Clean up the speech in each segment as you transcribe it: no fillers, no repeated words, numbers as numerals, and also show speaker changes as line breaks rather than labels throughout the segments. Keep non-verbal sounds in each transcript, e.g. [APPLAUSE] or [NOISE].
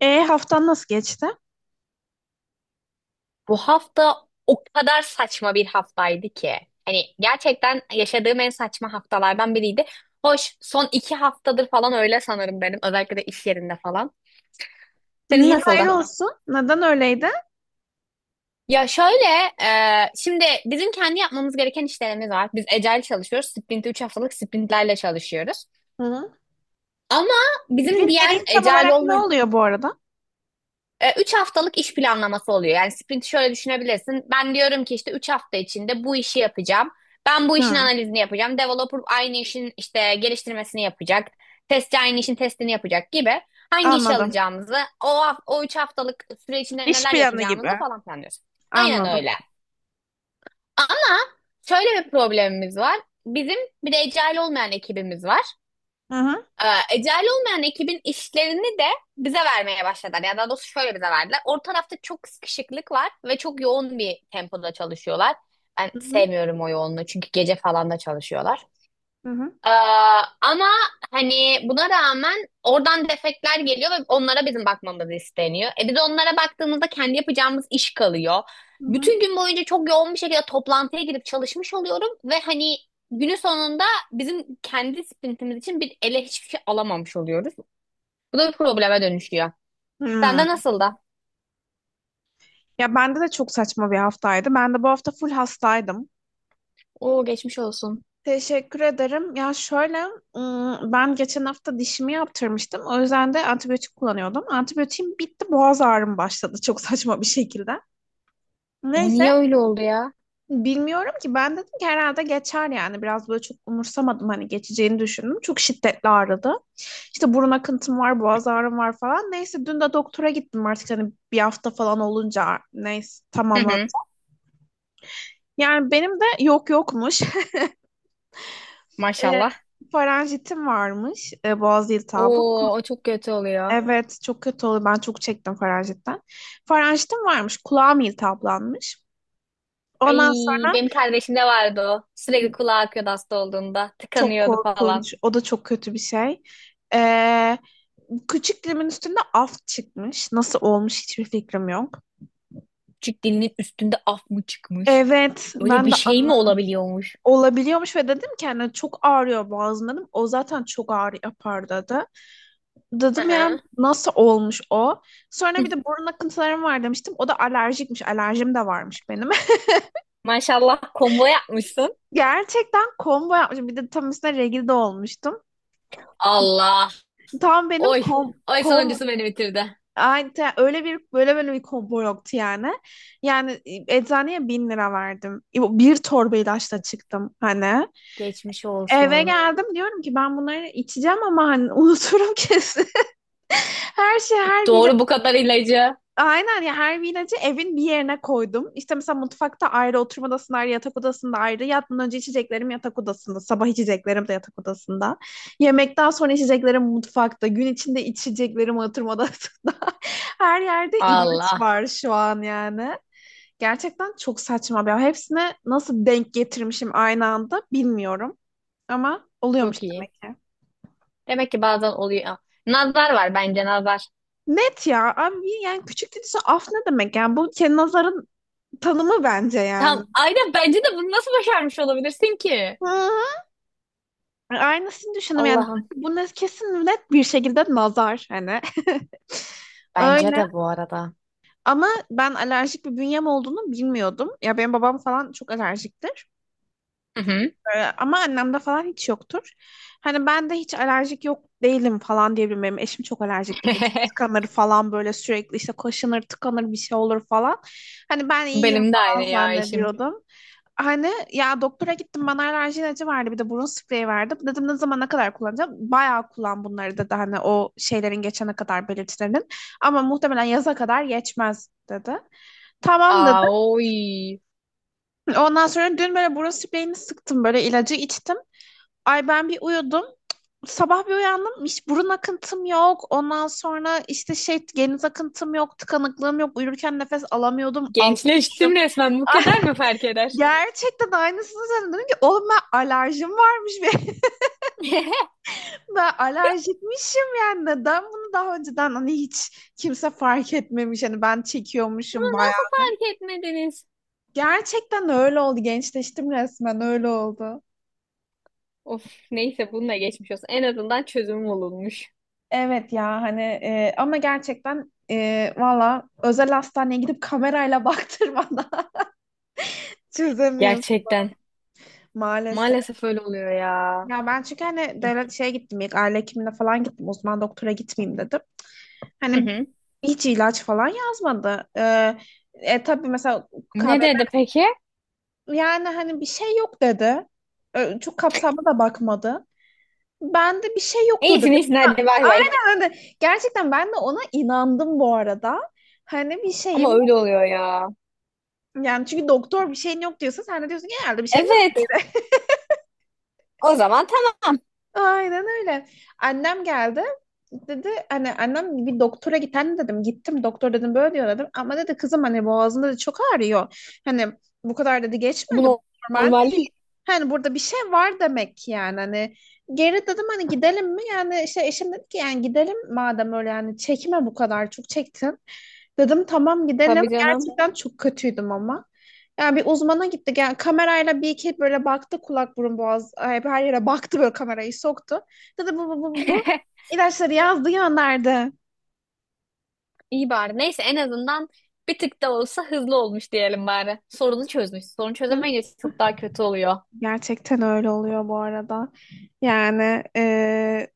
E haftan nasıl geçti?
Bu hafta o kadar saçma bir haftaydı ki. Hani gerçekten yaşadığım en saçma haftalardan biriydi. Hoş, son iki haftadır falan öyle sanırım benim. Özellikle de iş yerinde falan. Senin
Niye hayır
nasıldı?
olsun? Neden öyleydi?
Ya şöyle, şimdi bizim kendi yapmamız gereken işlerimiz var. Biz Agile çalışıyoruz. Sprint 3 haftalık sprintlerle çalışıyoruz.
Hı.
Ama bizim
Bütün
diğer
dediğin tam
Agile
olarak ne
olmayan
oluyor bu arada?
Üç haftalık iş planlaması oluyor. Yani sprinti şöyle düşünebilirsin. Ben diyorum ki işte üç hafta içinde bu işi yapacağım. Ben bu işin
Hı,
analizini yapacağım. Developer aynı işin işte geliştirmesini yapacak. Testçi aynı işin testini yapacak gibi. Hangi işi
anladım.
alacağımızı, o üç haftalık süre içinde
İş
neler
planı gibi.
yapacağımızı falan planlıyoruz. Aynen
Anladım.
öyle. Ama şöyle bir problemimiz var. Bizim bir de agile olmayan ekibimiz var.
Hı hı.
Ee, Ecel olmayan ekibin işlerini de bize vermeye başladılar. Yani daha doğrusu şöyle bize verdiler. Orta tarafta çok sıkışıklık var ve çok yoğun bir tempoda çalışıyorlar. Ben
Hı hı.
sevmiyorum o yoğunluğu çünkü gece falan da çalışıyorlar.
Hı hı.
Ee, ama hani buna rağmen oradan defekler geliyor ve onlara bizim bakmamız isteniyor. E biz onlara baktığımızda kendi yapacağımız iş kalıyor.
Hı hı.
Bütün gün boyunca çok yoğun bir şekilde toplantıya girip çalışmış oluyorum ve hani günün sonunda bizim kendi sprintimiz için bir ele hiçbir şey alamamış oluyoruz. Bu da bir probleme dönüşüyor.
Hı.
Sende nasıl da?
Ya bende de çok saçma bir haftaydı. Ben de bu hafta full hastaydım.
Oo, geçmiş olsun.
Teşekkür ederim. Ya şöyle, ben geçen hafta dişimi yaptırmıştım. O yüzden de antibiyotik kullanıyordum. Antibiyotiğim bitti, boğaz ağrım başladı çok saçma bir şekilde.
O
Neyse,
niye öyle oldu ya?
bilmiyorum ki, ben dedim ki herhalde geçer yani, biraz böyle çok umursamadım, hani geçeceğini düşündüm. Çok şiddetli ağrıdı. İşte burun akıntım var, boğaz ağrım var falan. Neyse, dün de doktora gittim, artık hani bir hafta falan olunca, neyse,
Hı
tamamladı.
hı,
Yani benim de yok yokmuş. [LAUGHS] E,
maşallah.
faranjitim varmış, boğaz iltihabı.
Oo, o çok kötü oluyor.
Evet, çok kötü oluyor, ben çok çektim faranjitten. Faranjitim varmış, kulağım iltihaplanmış.
Ay,
Ondan sonra
benim kardeşimde vardı o. Sürekli kulağı akıyordu hasta olduğunda.
çok
Tıkanıyordu falan.
korkunç, o da çok kötü bir şey. Ee, küçük dilimin üstünde af çıkmış. Nasıl olmuş hiçbir fikrim yok.
Küçük dilinin üstünde af mı çıkmış?
Evet,
Öyle
ben
bir
de
şey mi olabiliyormuş?
olabiliyormuş ve dedim ki hani çok ağrıyor boğazım dedim. O zaten çok ağrı yapar dedi. Dedim yani
Aha.
nasıl olmuş o? Sonra bir de
[LAUGHS]
burun akıntılarım var demiştim. O da alerjikmiş. Alerjim de varmış benim.
Maşallah, combo yapmışsın.
[LAUGHS] Gerçekten combo yapmışım. Bir de tam üstüne regl de olmuştum.
Allah.
Tam benim
Oy.
kom,
Oy,
kom
sonuncusu beni bitirdi.
Öyle bir böyle böyle bir combo yoktu yani. Yani, eczaneye 1.000 lira verdim. Bir torba ilaçla çıktım hani.
Geçmiş
Eve
olsun.
geldim, diyorum ki ben bunları içeceğim, ama hani unuturum kesin. [LAUGHS] Her şey her bir
Doğru, bu kadar ilacı.
aynen ya, her vinacı evin bir yerine koydum. İşte mesela mutfakta ayrı, oturma odasında ayrı, yatak odasında ayrı. Yatmadan önce içeceklerim yatak odasında. Sabah içeceklerim de yatak odasında. Yemekten sonra içeceklerim mutfakta. Gün içinde içeceklerim oturma odasında. [LAUGHS] Her yerde ilaç
Allah.
var şu an yani. Gerçekten çok saçma bir. Hepsine nasıl denk getirmişim aynı anda bilmiyorum. Ama oluyormuş
Çok iyi.
demek ki.
Demek ki bazen oluyor. Nazar var, bence nazar.
Net ya. Abi yani, küçük dediyse af ne demek? Yani bu kendi nazarın tanımı bence yani.
Tam aynen, bence de bunu nasıl başarmış olabilirsin ki?
Hı. Aynısını düşündüm yani.
Allah'ım.
Buna kesin net bir şekilde nazar hani. [LAUGHS]
Bence
Öyle,
de, bu arada.
ama ben alerjik bir bünyem olduğunu bilmiyordum. Ya benim babam falan çok alerjiktir.
Hı hı.
Ama annemde falan hiç yoktur. Hani ben de hiç alerjik yok değilim falan diyebilirim. Benim eşim çok alerjikti. Böyle çok
[LAUGHS]
tıkanır falan, böyle sürekli işte kaşınır, tıkanır, bir şey olur falan. Hani ben iyiyim
Benim de aynı
falan
ya işim.
zannediyordum. Hani ya doktora gittim, bana alerji ilacı verdi, bir de burun spreyi verdi. Dedim ne zaman, ne kadar kullanacağım? Bayağı kullan bunları dedi, hani o şeylerin geçene kadar, belirtilerin. Ama muhtemelen yaza kadar geçmez dedi. Tamam dedi.
Aa, oy.
Ondan sonra dün böyle burun spreyini sıktım, böyle ilacı içtim. Ay ben bir uyudum. Sabah bir uyandım. Hiç burun akıntım yok. Ondan sonra işte şey geniz akıntım yok. Tıkanıklığım yok. Uyurken nefes alamıyordum. Almışım.
Gençleştim
[LAUGHS]
resmen. Bu
Ah,
kadar mı fark eder?
gerçekten aynısını söyledim. Dedim ki oğlum ben alerjim varmış. [LAUGHS] Ve
[LAUGHS]
ben alerjikmişim yani. Neden bunu daha önceden hani hiç kimse fark etmemiş. Hani ben
Bunu
çekiyormuşum bayağı.
nasıl fark etmediniz?
Gerçekten öyle oldu. Gençleştim resmen, öyle oldu.
Of, neyse, bununla geçmiş olsun. En azından çözüm bulunmuş.
Evet ya hani, ama gerçekten, valla özel hastaneye gidip kamerayla [LAUGHS] baktırmadan çözemiyoruz
Gerçekten.
maalesef.
Maalesef öyle oluyor ya.
Ya ben çünkü hani devlet şeye gittim, ilk aile hekimine falan gittim, uzman doktora gitmeyeyim dedim.
Hı
Hani
hı.
hiç ilaç falan yazmadı. Tabii mesela
Ne dedi
KBB,
peki?
yani hani bir şey yok dedi. Çok kapsamlı da bakmadı. Ben de bir şey yoktur dedim.
İyisin iyisin, hadi bay bay.
Aynen öyle. Gerçekten ben de ona inandım bu arada. Hani bir
Ama
şeyim.
öyle oluyor ya.
Yani çünkü doktor bir şeyin yok diyorsa sen de diyorsun ki herhalde bir şeyim yok
Evet.
dedi.
O zaman tamam.
[LAUGHS] Aynen öyle. Annem geldi. Dedi hani annem bir doktora git anne dedim. Gittim doktor dedim böyle diyor dedim. Ama dedi kızım hani boğazında da çok ağrıyor. Hani bu kadar dedi geçmedi. Bu
Bu
normal,
normal değil.
hani burada bir şey var demek ki, yani hani geri dedim hani, gidelim mi yani şey, eşim dedi ki yani gidelim madem öyle, yani çekme bu kadar çok çektin. Dedim tamam gidelim.
Tabii canım.
Gerçekten çok kötüydüm ama. Yani bir uzmana gittik. Yani kamerayla bir iki böyle baktı, kulak burun boğaz, ay, her yere baktı, böyle kamerayı soktu. Dedi bu bu bu bu bu.
[LAUGHS]
İlaçları yazdı, gönderdi.
İyi bari. Neyse, en azından bir tık da olsa hızlı olmuş diyelim bari. Sorunu çözmüş. Sorunu
Hı?
çözemeyince çok daha kötü oluyor.
Gerçekten öyle oluyor bu arada. Yani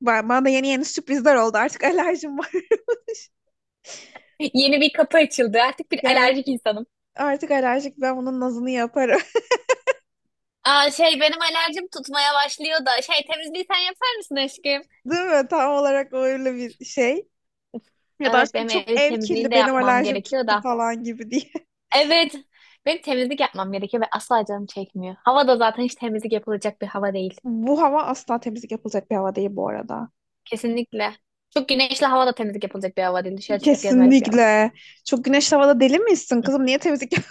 bana da yeni yeni sürprizler oldu, artık alerjim var. [LAUGHS]
Yeni bir kapı açıldı. Artık bir
Gel.
alerjik insanım.
Artık alerjik, ben bunun nazını yaparım.
Aa, şey, benim alerjim tutmaya başlıyor da. Şey, temizliği sen yapar mısın aşkım?
[LAUGHS] Değil mi? Tam olarak öyle bir şey. Ya da
Evet,
aşkım
benim
çok
ev
ev
temizliğini
kirli,
de
benim
yapmam
alerjim
gerekiyor
tuttu
da.
falan gibi diye.
Evet. Benim temizlik yapmam gerekiyor ve asla canım çekmiyor. Hava da zaten hiç temizlik yapılacak bir hava değil.
[LAUGHS] Bu hava asla temizlik yapılacak bir hava değil bu arada.
Kesinlikle. Çok güneşli hava da temizlik yapılacak bir hava değil. Dışarı çıkıp gezmelik bir.
Kesinlikle. Çok güneşli havada deli misin kızım? Niye temizlik yap-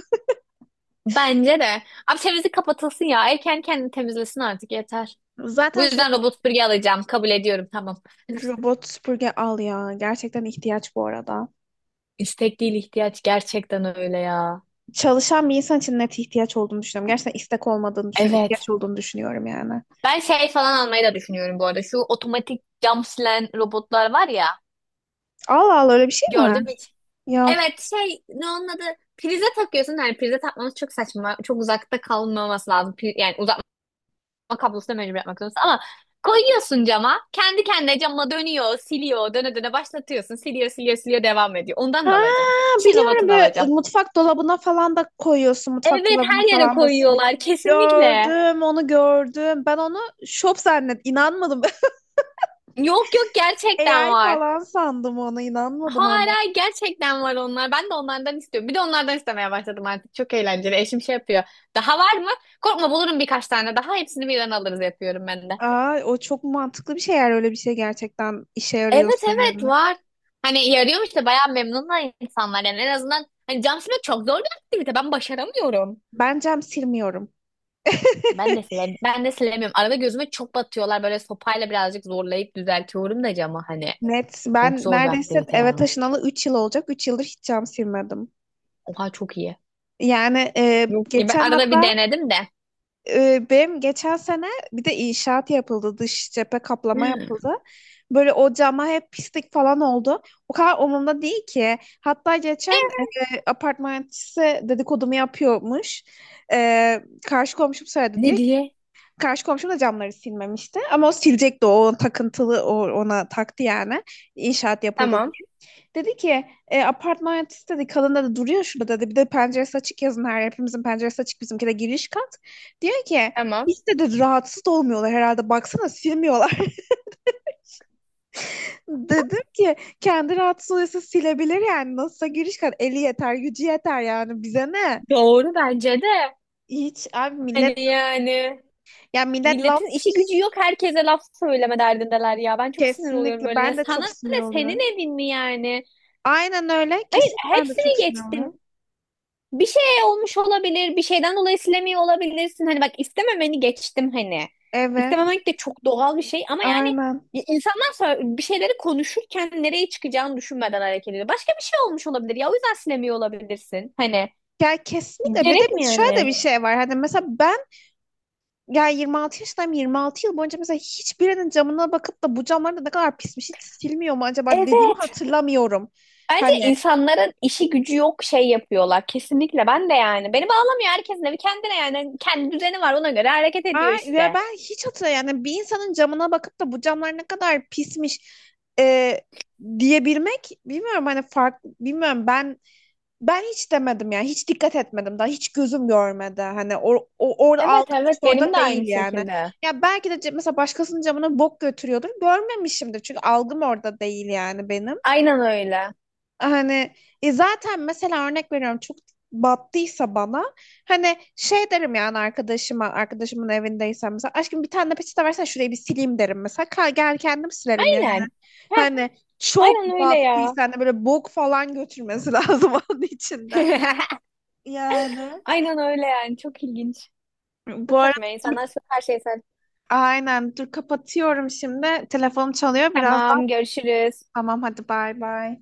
Bence de. Abi temizlik kapatılsın ya. Ev kendini temizlesin artık, yeter.
[LAUGHS]
Bu
Zaten
yüzden
şöyle,
robot süpürge alacağım. Kabul ediyorum, tamam.
robot süpürge al ya. Gerçekten ihtiyaç bu arada.
[LAUGHS] İstek değil, ihtiyaç, gerçekten öyle ya.
Çalışan bir insan için net ihtiyaç olduğunu düşünüyorum. Gerçekten istek olmadığını düşünüyorum.
Evet.
İhtiyaç olduğunu düşünüyorum yani.
Ben şey falan almayı da düşünüyorum bu arada. Şu otomatik cam silen robotlar var ya.
Allah Allah, öyle bir şey mi var?
Gördüm hiç.
Yok.
Evet, şey, ne onun adı? Prize takıyorsun. Yani prize takmanız çok saçma. Çok uzakta kalmaması lazım. Yani kablosuna mecbur yapmak zorundasın. Ama koyuyorsun cama. Kendi kendine cama dönüyor, siliyor. Döne döne başlatıyorsun. Siliyor, siliyor, siliyor, devam ediyor. Ondan da
Ha,
alacağım. Her şeyin
biliyorum,
robotunu
böyle
alacağım.
mutfak dolabına falan da koyuyorsun. Mutfak
Evet,
dolabına
her yere
falan da siliyor.
koyuyorlar kesinlikle.
Gördüm onu, gördüm. Ben onu şop zannet, inanmadım.
Yok yok,
[LAUGHS]
gerçekten
AI
var.
falan sandım, ona inanmadım ona.
Hala gerçekten var onlar. Ben de onlardan istiyorum. Bir de onlardan istemeye başladım artık. Çok eğlenceli. Eşim şey yapıyor. Daha var mı? Korkma, bulurum birkaç tane daha. Hepsini birden alırız yapıyorum ben de.
Aa, o çok mantıklı bir şey eğer öyle bir şey gerçekten işe
Evet
yarıyorsa,
evet,
ya.
var. Hani yarıyormuş işte, bayağı memnun da insanlar yani, en azından hani cam silmek çok zor bir aktivite, ben başaramıyorum.
Ben cam silmiyorum.
Ben de silemiyorum. Ben de silemiyorum. Arada gözüme çok batıyorlar, böyle sopayla birazcık zorlayıp düzeltiyorum da camı hani.
Net.
Çok
Ben
zor bir
neredeyse
aktivite
eve
ya.
taşınalı 3 yıl olacak. 3 yıldır hiç cam silmedim.
Oha, çok iyi.
Yani,
Yok ki, ben
geçen
arada bir
hatta,
denedim de.
benim geçen sene bir de inşaat yapıldı. Dış cephe kaplama yapıldı.
[GASPS]
Böyle o cama hep pislik falan oldu. O kadar umurumda değil ki. Hatta geçen, apartmançısı dedikodumu yapıyormuş. E, karşı komşum söyledi
Ne
diye ki
diye?
karşı komşum da camları silmemişti. Ama o silecekti. O takıntılı, o, ona taktı yani. İnşaat yapıldı.
Tamam,
Dedi ki, apartman yöneticisi dedi kalında da duruyor şurada dedi. Bir de penceresi açık yazın her yer, hepimizin penceresi açık, bizimki de giriş kat. Diyor ki
tamam.
hiç dedi rahatsız olmuyorlar herhalde, baksana silmiyorlar. [LAUGHS] Dedim ki kendi rahatsız oluyorsa silebilir, yani nasılsa giriş kat, eli yeter gücü yeter, yani bize ne?
Doğru, bence de.
Hiç abi millet,
Hani yani
yani millet laf,
milletin işi gücü yok, herkese laf söyleme derdindeler ya. Ben çok sinir oluyorum
kesinlikle
böyle.
ben de
Sana
çok sinir
ne,
oluyorum.
senin evin mi yani?
Aynen öyle,
Hayır,
kesinlikle ben de çok
hepsini
sinir
geçtim.
oluyorum.
Bir şey olmuş olabilir, bir şeyden dolayı silemiyor olabilirsin. Hani bak, istememeni geçtim hani.
Evet
İstememek de çok doğal bir şey ama yani
aynen.
insanlar sonra bir şeyleri konuşurken nereye çıkacağını düşünmeden hareket ediyor. Başka bir şey olmuş olabilir ya, o yüzden silemiyor olabilirsin. Hani
Ya kesinlikle, bir de
gerek mi
biz şöyle de
yani?
bir şey var. Hani mesela ben. Ya, 26 yaşındayım, 26 yıl boyunca mesela hiçbirinin camına bakıp da bu camlar da ne kadar pismiş, hiç silmiyor mu acaba dediğimi
Evet.
hatırlamıyorum.
Bence
Hani
insanların işi gücü yok, şey yapıyorlar. Kesinlikle, ben de yani. Beni bağlamıyor, herkesin evi kendine yani. Kendi düzeni var, ona göre hareket ediyor
ve
işte.
ben hiç hatırlamıyorum yani, bir insanın camına bakıp da bu camlar ne kadar pismiş, e, diyebilmek bilmiyorum hani fark bilmiyorum, ben hiç demedim yani, hiç dikkat etmedim, daha hiç gözüm görmedi, hani o orada
Evet
algım hiç
evet, benim
orada
de aynı
değil yani.
şekilde.
Ya belki de mesela başkasının camına bok götürüyordur görmemişimdir çünkü algım orada değil yani benim.
Aynen öyle.
Hani, zaten mesela örnek veriyorum, çok battıysa bana hani şey derim yani arkadaşıma, arkadaşımın evindeysem mesela, aşkım bir tane de peçete versene şurayı bir sileyim derim mesela, gel kendim silerim yani,
Aynen. Heh,
hani
aynen
çok
öyle ya.
battıysa hani böyle bok falan götürmesi [LAUGHS] lazım onun içinde,
[LAUGHS]
yani
Aynen öyle yani. Çok ilginç.
bu
Çok
arada
saçma. İnsanlar her şeyi sen.
aynen, dur kapatıyorum şimdi telefonum çalıyor birazdan,
Tamam, görüşürüz.
tamam hadi bay bay